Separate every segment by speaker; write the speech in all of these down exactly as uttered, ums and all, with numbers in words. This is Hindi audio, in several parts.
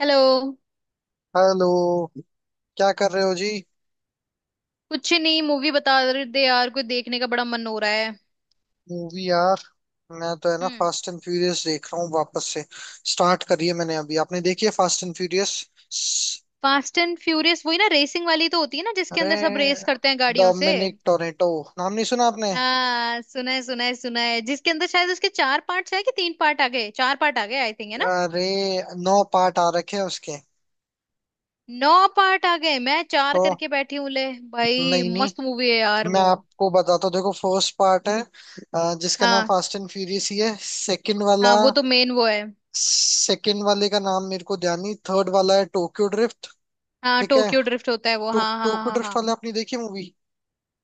Speaker 1: हेलो।
Speaker 2: हेलो। क्या कर रहे हो जी?
Speaker 1: कुछ नहीं, मूवी बता रहे थे यार, कोई देखने का बड़ा मन हो रहा है।
Speaker 2: मूवी यार। मैं तो है ना
Speaker 1: हम्म।
Speaker 2: फास्ट एंड फ्यूरियस देख रहा हूँ वापस से। स्टार्ट करी है मैंने अभी। आपने देखी है fast and Furious?
Speaker 1: Fast and Furious वही ना, रेसिंग वाली तो होती है ना, जिसके अंदर सब रेस
Speaker 2: अरे
Speaker 1: करते हैं गाड़ियों से।
Speaker 2: डोमिनिक टोरेटो, नाम नहीं सुना आपने?
Speaker 1: हाँ, सुना है सुना है सुना है जिसके अंदर शायद उसके चार पार्ट्स है कि तीन पार्ट आ गए, चार पार्ट आ गए, आई थिंक, है ना।
Speaker 2: अरे नौ पार्ट आ रखे हैं उसके।
Speaker 1: नौ पार्ट आ गए? मैं चार
Speaker 2: तो
Speaker 1: करके बैठी हूँ ले भाई,
Speaker 2: नहीं नहीं,
Speaker 1: मस्त मूवी है यार
Speaker 2: मैं
Speaker 1: वो।
Speaker 2: आपको बताता हूँ। देखो, फर्स्ट पार्ट है, अ, जिसका नाम
Speaker 1: हाँ,
Speaker 2: फास्ट एंड फ्यूरियस ही है। सेकंड वाला,
Speaker 1: हाँ वो तो मेन वो है।
Speaker 2: सेकंड वाले का नाम मेरे को ध्यान नहीं। थर्ड वाला है टोक्यो ड्रिफ्ट।
Speaker 1: हाँ,
Speaker 2: ठीक है।
Speaker 1: टोक्यो ड्रिफ्ट होता है वो,
Speaker 2: टो,
Speaker 1: हाँ हाँ
Speaker 2: टोक्यो
Speaker 1: हाँ
Speaker 2: ड्रिफ्ट
Speaker 1: हाँ
Speaker 2: वाले आपने देखी मूवी?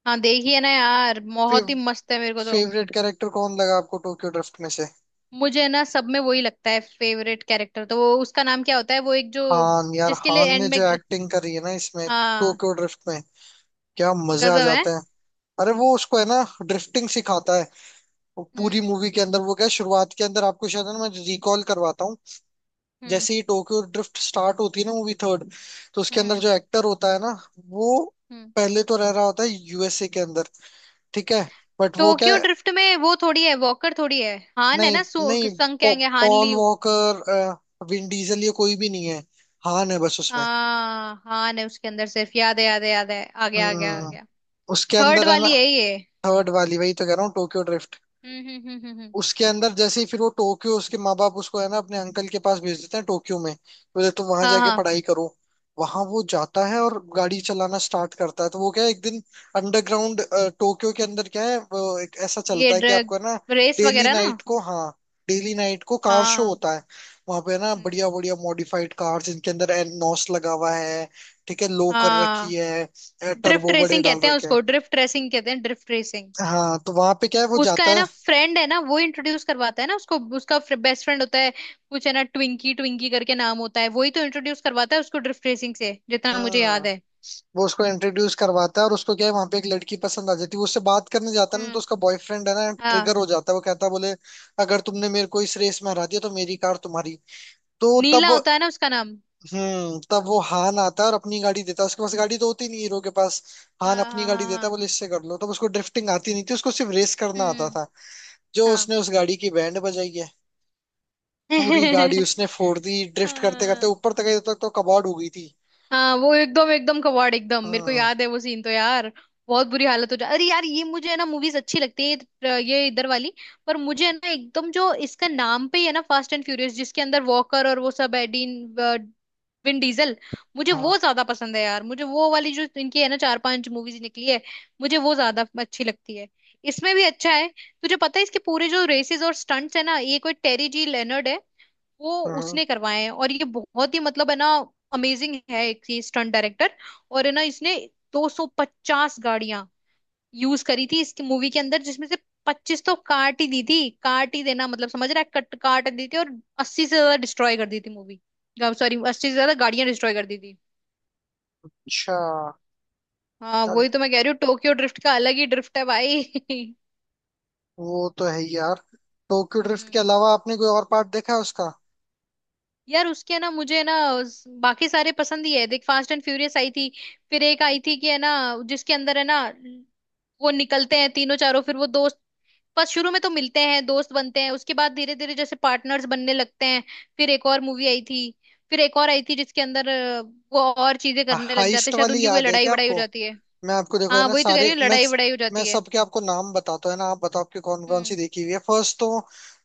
Speaker 1: हाँ देखिए ना यार,
Speaker 2: फेव,
Speaker 1: बहुत ही मस्त है मेरे को तो।
Speaker 2: फेवरेट कैरेक्टर कौन लगा आपको टोक्यो ड्रिफ्ट में से?
Speaker 1: मुझे ना सब में वही लगता है फेवरेट कैरेक्टर, तो वो उसका नाम क्या होता है, वो एक जो
Speaker 2: हान यार,
Speaker 1: जिसके लिए
Speaker 2: हान ने
Speaker 1: एंड
Speaker 2: जो
Speaker 1: में ग-
Speaker 2: एक्टिंग करी है ना इसमें
Speaker 1: हाँ,
Speaker 2: टोक्यो ड्रिफ्ट में, क्या मजे आ
Speaker 1: गजब है।
Speaker 2: जाते हैं। अरे, वो उसको है ना ड्रिफ्टिंग सिखाता है। वो पूरी
Speaker 1: हम्म
Speaker 2: मूवी के अंदर, वो क्या, शुरुआत के अंदर आपको शायद, है ना, मैं रिकॉल करवाता हूँ।
Speaker 1: हम्म
Speaker 2: जैसे ही टोक्यो ड्रिफ्ट स्टार्ट होती है ना मूवी थर्ड, तो उसके अंदर
Speaker 1: हम्म
Speaker 2: जो एक्टर होता है ना, वो
Speaker 1: हम्म
Speaker 2: पहले तो रह रहा होता है यूएसए के अंदर। ठीक है। बट वो क्या
Speaker 1: टोक्यो
Speaker 2: है,
Speaker 1: ड्रिफ्ट में वो थोड़ी है, वॉकर थोड़ी है, हान है
Speaker 2: नहीं
Speaker 1: ना, सु-
Speaker 2: नहीं,
Speaker 1: संग
Speaker 2: पौ,
Speaker 1: कहेंगे, हान
Speaker 2: पॉल
Speaker 1: लियू।
Speaker 2: वॉकर, अ, विन डीजल, ये कोई भी नहीं है। हान है बस उसमें।
Speaker 1: हाँ हान है उसके अंदर सिर्फ, याद है याद है याद है, आ गया आ गया आ
Speaker 2: हम्म
Speaker 1: गया।
Speaker 2: उसके
Speaker 1: थर्ड
Speaker 2: अंदर है ना,
Speaker 1: वाली है ये।
Speaker 2: थर्ड वाली, वही तो कह रहा हूँ, टोक्यो ड्रिफ्ट।
Speaker 1: हम्म हम्म हम्म हम्म हम्म।
Speaker 2: उसके अंदर जैसे ही फिर वो टोक्यो, उसके माँ बाप उसको है ना अपने अंकल के पास भेज देते हैं टोक्यो में। बोले तुम वहां
Speaker 1: हाँ
Speaker 2: जाके
Speaker 1: हाँ।
Speaker 2: पढ़ाई करो। वहां वो जाता है और गाड़ी चलाना स्टार्ट करता है। तो वो क्या है, एक दिन अंडरग्राउंड टोक्यो के अंदर क्या है, वो एक ऐसा
Speaker 1: ये
Speaker 2: चलता है कि
Speaker 1: ड्रग,
Speaker 2: आपको है ना,
Speaker 1: रेस
Speaker 2: डेली
Speaker 1: वगैरह ना।
Speaker 2: नाइट को, हाँ, डेली नाइट को कार शो
Speaker 1: हाँ।
Speaker 2: होता है। वहां पे है ना
Speaker 1: हम्म,
Speaker 2: बढ़िया बढ़िया मॉडिफाइड कार, जिनके अंदर एनोस लगा हुआ है। ठीक है, लो कर रखी
Speaker 1: हाँ,
Speaker 2: है,
Speaker 1: ड्रिफ्ट
Speaker 2: टर्बो बड़े
Speaker 1: रेसिंग
Speaker 2: डाल
Speaker 1: कहते हैं
Speaker 2: रखे हैं।
Speaker 1: उसको, ड्रिफ्ट रेसिंग कहते हैं, ड्रिफ्ट रेसिंग।
Speaker 2: हाँ, तो वहां पे क्या है, वो
Speaker 1: उसका
Speaker 2: जाता
Speaker 1: है
Speaker 2: है।
Speaker 1: ना फ्रेंड है ना, वो इंट्रोड्यूस करवाता है ना उसको, उसका बेस्ट फ्रेंड होता है, कुछ है ना ट्विंकी, ट्विंकी करके नाम होता है, वही तो इंट्रोड्यूस करवाता है उसको ड्रिफ्ट रेसिंग से, जितना मुझे याद
Speaker 2: हम्म।
Speaker 1: है।
Speaker 2: वो उसको इंट्रोड्यूस करवाता है, और उसको क्या है वहां पे एक लड़की पसंद आ जाती है। वो उससे बात करने जाता है ना, तो
Speaker 1: हम्म।
Speaker 2: उसका बॉयफ्रेंड है ना ट्रिगर
Speaker 1: हाँ,
Speaker 2: हो जाता है। वो कहता है, बोले, अगर तुमने मेरे को इस रेस में हरा दिया तो मेरी कार तुम्हारी। तो
Speaker 1: नीला
Speaker 2: तब,
Speaker 1: होता है ना उसका नाम।
Speaker 2: हम्म तब वो हान आता है और अपनी गाड़ी देता है। उसके पास गाड़ी तो होती नहीं हीरो के पास। हान
Speaker 1: हाँ
Speaker 2: अपनी
Speaker 1: हाँ
Speaker 2: गाड़ी
Speaker 1: हाँ
Speaker 2: देता है,
Speaker 1: हाँ
Speaker 2: बोले इससे कर लो। तब उसको ड्रिफ्टिंग आती नहीं थी, उसको सिर्फ रेस करना आता
Speaker 1: हम्म।
Speaker 2: था। जो
Speaker 1: हाँ।
Speaker 2: उसने उस गाड़ी की बैंड बजाई है, पूरी गाड़ी उसने फोड़ दी। ड्रिफ्ट करते करते
Speaker 1: हाँ,
Speaker 2: ऊपर तक गई, तब तक तो कबाड़ हो गई थी।
Speaker 1: हाँ वो एकदम एकदम कबाड़ एकदम, मेरे को
Speaker 2: हाँ
Speaker 1: याद है वो सीन तो यार, बहुत बुरी हालत हो जा। अरे यार, ये मुझे है ना मूवीज अच्छी लगती है, ये इधर वाली। पर मुझे है ना एकदम जो इसका नाम पे ही है ना, फास्ट एंड फ्यूरियस, जिसके अंदर वॉकर और वो सब है, डीन, अ, विन डीजल, मुझे
Speaker 2: हाँ
Speaker 1: वो ज्यादा पसंद है यार। मुझे वो वाली जो इनकी है ना, चार पांच मूवीज निकली है, मुझे वो ज्यादा अच्छी लगती है। इसमें भी अच्छा है। तुझे पता है इसके पूरे जो रेसेस और स्टंट्स है ना, ये कोई टेरी जी लेनर्ड है, वो
Speaker 2: हाँ हाँ।
Speaker 1: उसने करवाए हैं, और ये बहुत ही मतलब है ना, अमेजिंग है एक ये स्टंट डायरेक्टर। और है ना, इसने दो सौ पचास गाड़ियां यूज करी थी इसकी मूवी के अंदर, जिसमें से पच्चीस तो काट ही दी थी, काट ही देना मतलब समझ रहा है, कट काट दी थी, और अस्सी से ज्यादा डिस्ट्रॉय कर दी थी मूवी, सॉरी अस्सी से ज्यादा गाड़ियां डिस्ट्रॉय कर दी थी।
Speaker 2: अच्छा।
Speaker 1: हाँ वही तो मैं कह रही हूँ, टोक्यो ड्रिफ्ट का अलग ही ड्रिफ्ट है भाई।
Speaker 2: वो तो है ही यार। टोक्यो ड्रिफ्ट के
Speaker 1: हम्म।
Speaker 2: अलावा आपने कोई और पार्ट देखा है उसका?
Speaker 1: यार उसके ना मुझे ना उस- बाकी सारे पसंद ही है, देख, फास्ट एंड फ्यूरियस आई थी, फिर एक आई थी कि है ना, जिसके अंदर है ना, वो निकलते हैं तीनों चारों, फिर वो दोस्त, बस शुरू में तो मिलते हैं दोस्त बनते हैं, उसके बाद धीरे धीरे जैसे पार्टनर्स बनने लगते हैं। फिर एक और मूवी आई थी, फिर एक और आई थी जिसके अंदर अ, वो और चीजें करने लग जाते
Speaker 2: हाइस्ट
Speaker 1: हैं, शायद
Speaker 2: वाली
Speaker 1: उनकी कोई
Speaker 2: याद है
Speaker 1: लड़ाई
Speaker 2: क्या
Speaker 1: वड़ाई हो
Speaker 2: आपको?
Speaker 1: जाती है।
Speaker 2: मैं आपको देखो है
Speaker 1: हाँ
Speaker 2: ना
Speaker 1: वही तो कह
Speaker 2: सारे,
Speaker 1: रही हूँ,
Speaker 2: मैं
Speaker 1: लड़ाई वड़ाई हो
Speaker 2: मैं
Speaker 1: जाती है।
Speaker 2: सबके आपको नाम बताता हूँ है ना, आप बताओ आपकी कौन कौन सी
Speaker 1: हम्म।
Speaker 2: देखी हुई है? फर्स्ट तो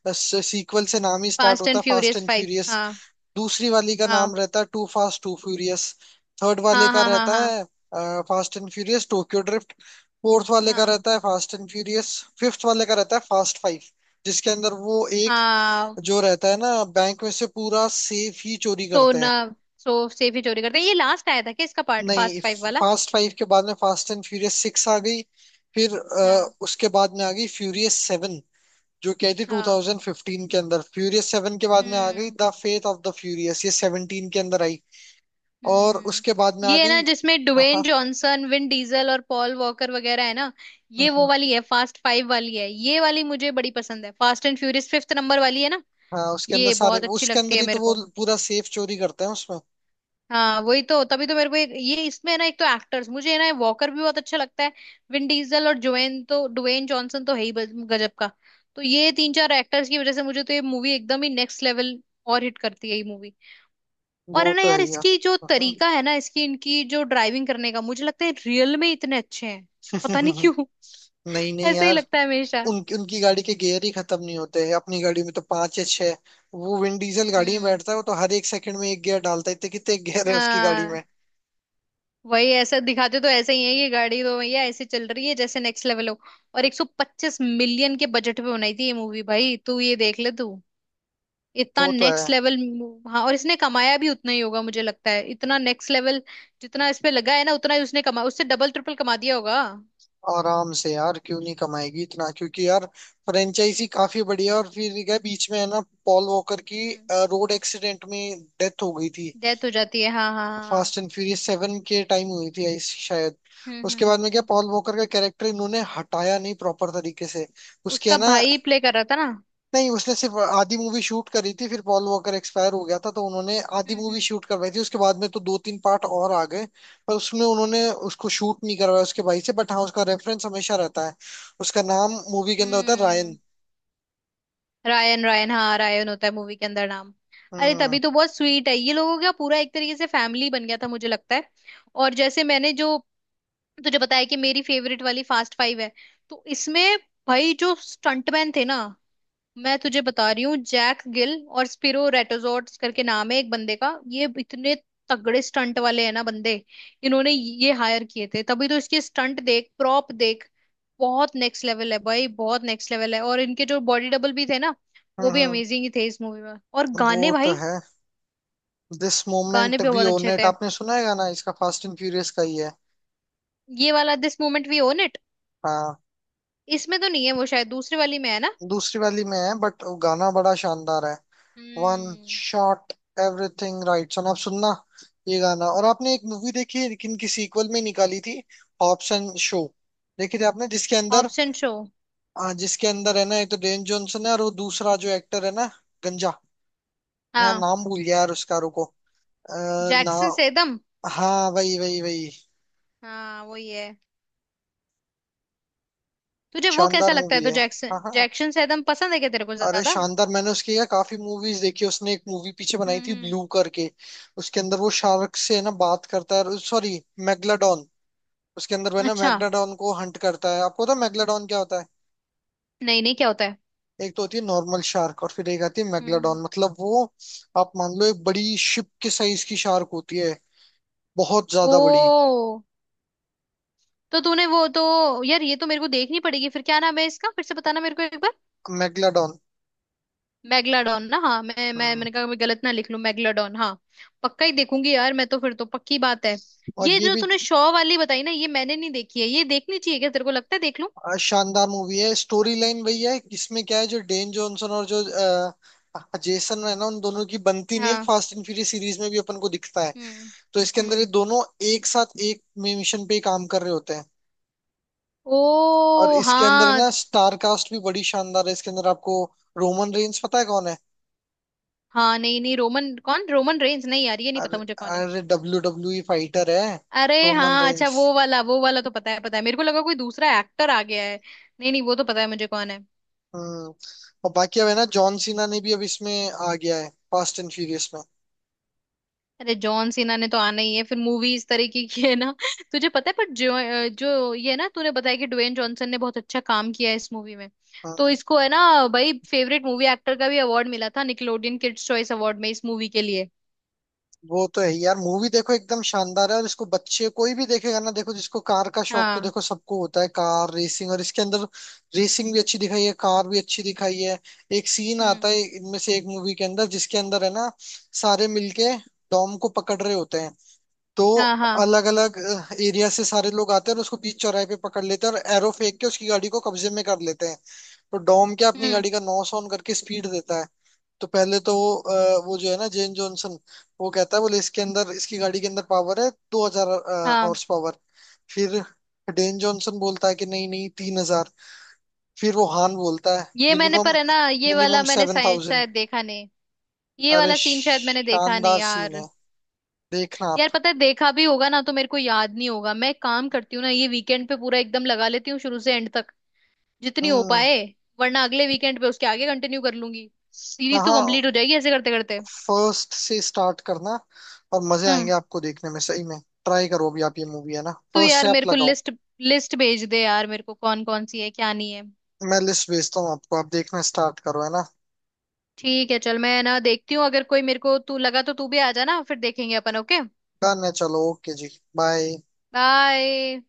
Speaker 2: बस, सीक्वल से नाम ही स्टार्ट
Speaker 1: फास्ट
Speaker 2: होता
Speaker 1: एंड
Speaker 2: है fast
Speaker 1: furious
Speaker 2: and
Speaker 1: five.
Speaker 2: Furious.
Speaker 1: हाँ
Speaker 2: दूसरी वाली का
Speaker 1: हाँ
Speaker 2: नाम रहता है two fast two furious. Third वाले
Speaker 1: हाँ
Speaker 2: का
Speaker 1: हाँ हाँ
Speaker 2: रहता
Speaker 1: हाँ
Speaker 2: है fast and furious Tokyo drift. Fourth वाले का
Speaker 1: हाँ
Speaker 2: रहता है फास्ट एंड फ्यूरियस। फिफ्थ वाले का रहता है फास्ट फाइव, जिसके अंदर वो एक
Speaker 1: हाँ।
Speaker 2: जो रहता है ना, बैंक में से पूरा सेफ ही चोरी करते
Speaker 1: सोना,
Speaker 2: हैं।
Speaker 1: सो सेफ ही चोरी करते हैं। ये लास्ट आया था क्या इसका पार्ट, फास्ट
Speaker 2: नहीं,
Speaker 1: फाइव वाला?
Speaker 2: फास्ट फाइव के बाद में फास्ट एंड फ्यूरियस सिक्स आ गई। फिर अ,
Speaker 1: हाँ।
Speaker 2: उसके बाद में आ गई फ्यूरियस सेवन, जो कि आई थी
Speaker 1: हाँ।
Speaker 2: ट्वेंटी फ़िफ्टीन के अंदर। फ्यूरियस सेवन के बाद में आ गई
Speaker 1: हम्म
Speaker 2: the faith of the furious, ये सेवनटीन के अंदर आई। और
Speaker 1: हम्म
Speaker 2: उसके बाद में आ
Speaker 1: ये है
Speaker 2: गई।
Speaker 1: ना जिसमें
Speaker 2: हाँ
Speaker 1: ड्वेन
Speaker 2: हाँ।
Speaker 1: जॉनसन, विन डीजल और पॉल वॉकर वगैरह है ना।
Speaker 2: हम्म,
Speaker 1: ये वो
Speaker 2: हम्म।
Speaker 1: वाली है, फास्ट फाइव वाली है ये वाली, मुझे बड़ी पसंद है, fast and furious fifth number वाली है ना।
Speaker 2: हाँ, उसके अंदर
Speaker 1: ये
Speaker 2: सारे,
Speaker 1: बहुत अच्छी
Speaker 2: उसके
Speaker 1: लगती
Speaker 2: अंदर
Speaker 1: है
Speaker 2: ही
Speaker 1: मेरे
Speaker 2: तो वो
Speaker 1: को।
Speaker 2: पूरा सेफ चोरी करते हैं उसमें।
Speaker 1: हाँ वही तो, तभी तो मेरे को एक, ये इसमें है ना एक तो एक्टर्स, मुझे है ना वॉकर भी बहुत अच्छा लगता है, विन डीजल और ड्वेन, तो ड्वेन जॉनसन तो है ही बज- गजब का, तो ये तीन चार एक्टर्स की वजह से मुझे तो ये मूवी एकदम ही नेक्स्ट लेवल और हिट करती है ये मूवी। और
Speaker 2: वो
Speaker 1: है ना
Speaker 2: तो है
Speaker 1: यार,
Speaker 2: यार।
Speaker 1: इसकी जो
Speaker 2: हम्म,
Speaker 1: तरीका है ना इसकी, इनकी जो ड्राइविंग करने का, मुझे लगता है रियल में इतने अच्छे हैं, पता
Speaker 2: हम्म,
Speaker 1: नहीं
Speaker 2: हम्म।
Speaker 1: क्यों।
Speaker 2: नहीं नहीं
Speaker 1: ऐसा ही
Speaker 2: यार,
Speaker 1: लगता है हमेशा।
Speaker 2: उनकी उनकी गाड़ी के गियर ही खत्म नहीं होते हैं। अपनी गाड़ी में तो पांच या छह। वो विंड डीजल गाड़ी में बैठता है, वो तो हर एक सेकंड में एक गियर डालता है। इतने कितने गियर है उसकी गाड़ी
Speaker 1: हम्म।
Speaker 2: में?
Speaker 1: वही, ऐसा दिखाते तो ऐसे ही है ये गाड़ी, तो भैया ऐसे चल रही है जैसे नेक्स्ट लेवल हो, और एक सौ पच्चीस मिलियन के बजट पे बनाई थी ये मूवी भाई, तू ये देख ले तू, इतना
Speaker 2: वो तो है।
Speaker 1: Next level. हाँ, और इसने कमाया भी उतना ही होगा मुझे लगता है, इतना नेक्स्ट लेवल, जितना इस पे लगा है ना उतना ही उसने कमा, उससे डबल ट्रिपल कमा दिया होगा।
Speaker 2: आराम से यार, क्यों नहीं कमाएगी इतना? क्योंकि यार फ्रेंचाइजी काफी बढ़िया है। और फिर क्या बीच में है ना, पॉल वॉकर की
Speaker 1: हम्म।
Speaker 2: रोड एक्सीडेंट में डेथ हो गई थी।
Speaker 1: डेथ हो जाती है हाँ हाँ हाँ हाँ।
Speaker 2: फास्ट एंड फ्यूरियस सेवन के टाइम हुई थी, आई- शायद।
Speaker 1: हम्म हम्म
Speaker 2: उसके बाद
Speaker 1: हम्म
Speaker 2: में क्या
Speaker 1: हम्म।
Speaker 2: पॉल वॉकर का कैरेक्टर इन्होंने हटाया नहीं प्रॉपर तरीके से। उसके है
Speaker 1: उसका
Speaker 2: ना,
Speaker 1: भाई प्ले कर रहा था ना?
Speaker 2: नहीं, उसने सिर्फ आधी मूवी शूट करी थी, फिर पॉल वॉकर एक्सपायर हो गया था, तो उन्होंने आधी
Speaker 1: हम्म
Speaker 2: मूवी
Speaker 1: हम्म
Speaker 2: शूट करवाई थी। उसके बाद में तो दो तीन पार्ट और आ गए, पर उसमें उन्होंने उसको शूट नहीं करवाया उसके भाई से, बट हाँ, उसका रेफरेंस हमेशा रहता है। उसका नाम मूवी के अंदर होता है
Speaker 1: हम्म।
Speaker 2: रायन।
Speaker 1: रायन, रायन हाँ, रायन होता है मूवी के अंदर नाम। अरे
Speaker 2: हम्म,
Speaker 1: तभी तो बहुत स्वीट है, ये लोगों का पूरा एक तरीके से फैमिली बन गया था मुझे लगता है। और जैसे मैंने जो तुझे बताया कि मेरी फेवरेट वाली फास्ट फाइव है, तो इसमें भाई जो स्टंटमैन थे ना, मैं तुझे बता रही हूँ, जैक गिल और स्पिरो रेटोजोट्स करके नाम है एक बंदे का, ये इतने तगड़े स्टंट वाले हैं ना बंदे, इन्होंने ये हायर किए थे, तभी तो इसके स्टंट देख, प्रॉप देख, बहुत नेक्स्ट लेवल है भाई, बहुत नेक्स्ट लेवल है। और इनके जो बॉडी डबल भी थे ना,
Speaker 2: हम्म,
Speaker 1: वो भी
Speaker 2: हम्म।
Speaker 1: अमेजिंग ही थे इस मूवी में, और
Speaker 2: वो
Speaker 1: गाने
Speaker 2: तो
Speaker 1: भाई,
Speaker 2: है। दिस
Speaker 1: गाने
Speaker 2: मोमेंट
Speaker 1: भी
Speaker 2: वी
Speaker 1: बहुत
Speaker 2: ओन
Speaker 1: अच्छे
Speaker 2: इट,
Speaker 1: थे।
Speaker 2: आपने सुना है गाना? इसका फास्ट एंड फ्यूरियस का ही है।
Speaker 1: ये वाला, this moment we own it,
Speaker 2: हाँ,
Speaker 1: इसमें तो नहीं है वो, शायद दूसरी वाली में है ना।
Speaker 2: दूसरी वाली में है, बट गाना बड़ा शानदार है। One
Speaker 1: hmm.
Speaker 2: Shot everything right, so आप सुनना ये गाना। और आपने एक मूवी देखी है लेकिन की सीक्वल में निकाली थी, हॉब्स एंड शो? देखी थी आपने, जिसके अंदर,
Speaker 1: ऑप्शन शो।
Speaker 2: हाँ, जिसके अंदर है ना ये तो डेन जॉनसन है और वो दूसरा जो एक्टर है ना, गंजा, मैं
Speaker 1: हाँ।
Speaker 2: नाम भूल गया यार उसका, रुको। आ, ना,
Speaker 1: जैक्सन सेदम।
Speaker 2: हाँ वही वही वही।
Speaker 1: हाँ वही है। तुझे वो कैसा
Speaker 2: शानदार
Speaker 1: लगता है,
Speaker 2: मूवी
Speaker 1: तो
Speaker 2: है।
Speaker 1: जैक्सन,
Speaker 2: हाँ हाँ।
Speaker 1: जैक्सन से एकदम पसंद है क्या तेरे को
Speaker 2: अरे
Speaker 1: ज्यादा?
Speaker 2: शानदार, मैंने उसकी यार काफी मूवीज देखी। उसने एक मूवी पीछे बनाई
Speaker 1: हम्म
Speaker 2: थी
Speaker 1: हम्म
Speaker 2: ब्लू करके, उसके अंदर वो शार्क से है ना बात करता है, सॉरी, मेगलाडॉन। उसके अंदर वो है ना
Speaker 1: अच्छा,
Speaker 2: मैग्नाडॉन को हंट करता है। आपको पता है मैग्नाडॉन क्या होता है?
Speaker 1: नहीं नहीं, क्या होता है?
Speaker 2: एक तो होती है नॉर्मल शार्क, और फिर एक आती है
Speaker 1: हम्म हम्म।
Speaker 2: मैग्नाडॉन, मतलब वो, आप मान लो एक बड़ी शिप के साइज की शार्क होती है, बहुत
Speaker 1: ओ,
Speaker 2: ज्यादा बड़ी।
Speaker 1: तो तूने वो, तो यार ये तो मेरे को देखनी पड़ेगी, फिर क्या नाम है इसका, फिर से बताना मेरे को एक बार।
Speaker 2: मैग्नाडॉन।
Speaker 1: मैगलाडॉन ना, हाँ मैं, मैं
Speaker 2: हम्म।
Speaker 1: मैंने कहा मैं गलत ना लिख लूं, मैगलाडॉन हाँ। पक्का ही देखूंगी यार मैं तो, फिर तो पक्की बात है।
Speaker 2: और
Speaker 1: ये
Speaker 2: ये
Speaker 1: जो
Speaker 2: भी,
Speaker 1: तूने शॉ वाली बताई ना, ये मैंने नहीं देखी है, ये देखनी चाहिए क्या तेरे को लगता है, देख लूं?
Speaker 2: आ, शानदार मूवी है। स्टोरी लाइन वही है, इसमें क्या है जो डेन जॉनसन और जो आ, जेसन, है ना, उन दोनों की बनती नहीं है,
Speaker 1: हाँ।
Speaker 2: फास्ट एंड फ्यूरियस सीरीज में भी अपन को दिखता है।
Speaker 1: हम्म
Speaker 2: तो इसके अंदर ये
Speaker 1: हम्म
Speaker 2: दोनों एक साथ एक मिशन पे ही काम कर रहे होते हैं। और
Speaker 1: ओ
Speaker 2: इसके अंदर
Speaker 1: हाँ।
Speaker 2: ना स्टार कास्ट भी बड़ी शानदार है। इसके अंदर आपको, रोमन रेंस पता है कौन है?
Speaker 1: हाँ नहीं नहीं, रोमन कौन, रोमन रेंज? नहीं यार ये नहीं पता
Speaker 2: अरे,
Speaker 1: मुझे कौन है।
Speaker 2: अरे डब्ल्यू डब्ल्यू ई फाइटर है,
Speaker 1: अरे
Speaker 2: रोमन
Speaker 1: हाँ, अच्छा
Speaker 2: रेंस।
Speaker 1: वो वाला, वो वाला तो पता है पता है, मेरे को लगा कोई दूसरा एक्टर आ गया है। नहीं नहीं, वो तो पता है मुझे कौन है।
Speaker 2: हम्म। और बाकी अब है ना जॉन सीना ने भी अब इसमें आ गया है फास्ट एंड फ्यूरियस में।
Speaker 1: अरे जॉन सीना ने तो आना ही है, फिर मूवी इस तरीके की है ना। तुझे पता है पर, जो जो ये ना तूने बताया कि ड्वेन जॉनसन ने बहुत अच्छा काम किया है इस मूवी में, तो
Speaker 2: हम्म।
Speaker 1: इसको है ना भाई, फेवरेट मूवी एक्टर का भी अवार्ड मिला था, निकलोडियन किड्स चॉइस अवार्ड में, इस मूवी के लिए।
Speaker 2: वो तो है यार, मूवी देखो एकदम शानदार है। और इसको बच्चे कोई भी देखेगा ना, देखो जिसको कार का शौक, तो
Speaker 1: हाँ।
Speaker 2: देखो सबको होता है कार रेसिंग, और इसके अंदर रेसिंग भी अच्छी दिखाई है, कार भी अच्छी दिखाई है। एक सीन आता
Speaker 1: हम्म।
Speaker 2: है इनमें से एक मूवी के अंदर, जिसके अंदर है ना सारे मिलके डॉम को पकड़ रहे होते हैं, तो
Speaker 1: हाँ हाँ
Speaker 2: अलग अलग एरिया से सारे लोग आते हैं और उसको बीच चौराहे पे पकड़ लेते हैं, और एरो फेंक के उसकी गाड़ी को कब्जे में कर लेते हैं। तो डॉम क्या, अपनी
Speaker 1: हम्म।
Speaker 2: गाड़ी का नॉस ऑन करके स्पीड देता है। तो पहले तो वो, अ, वो जो है ना जेन जॉनसन, वो कहता है, बोले इसके अंदर, इसकी गाड़ी के अंदर पावर है दो हजार
Speaker 1: हाँ,
Speaker 2: हॉर्स पावर। फिर डेन जॉनसन बोलता है कि नहीं नहीं तीन हजार। फिर वो हान बोलता है,
Speaker 1: ये मैंने
Speaker 2: मिनिमम,
Speaker 1: पर है ना, ये वाला
Speaker 2: मिनिमम
Speaker 1: मैंने
Speaker 2: सेवन
Speaker 1: शायद
Speaker 2: थाउजेंड
Speaker 1: शायद देखा नहीं, ये
Speaker 2: अरे
Speaker 1: वाला सीन शायद मैंने देखा नहीं
Speaker 2: शानदार सीन
Speaker 1: यार।
Speaker 2: है, देखना आप।
Speaker 1: यार पता है देखा भी होगा ना तो मेरे को याद नहीं होगा, मैं एक काम करती हूँ ना, ये वीकेंड पे पूरा एकदम लगा लेती हूँ शुरू से एंड तक, जितनी हो
Speaker 2: हम्म,
Speaker 1: पाए, वरना अगले वीकेंड पे उसके आगे कंटिन्यू कर लूंगी, सीरीज तो
Speaker 2: हाँ।
Speaker 1: कंप्लीट हो जाएगी ऐसे करते करते।
Speaker 2: फर्स्ट से स्टार्ट करना, और मजे
Speaker 1: हम्म।
Speaker 2: आएंगे आपको देखने में सही में। ट्राई करो अभी आप ये मूवी, है ना,
Speaker 1: तो
Speaker 2: फर्स्ट से
Speaker 1: यार
Speaker 2: आप
Speaker 1: मेरे को
Speaker 2: लगाओ।
Speaker 1: लिस्ट लिस्ट भेज दे यार मेरे को, कौन कौन सी है क्या नहीं है।
Speaker 2: मैं लिस्ट भेजता हूँ आपको, आप देखना स्टार्ट करो है ना।
Speaker 1: ठीक है चल, मैं ना देखती हूँ, अगर कोई मेरे को तू लगा तो तू भी आ जाना, फिर देखेंगे अपन, ओके।
Speaker 2: डन है, चलो ओके जी, बाय।
Speaker 1: बाय।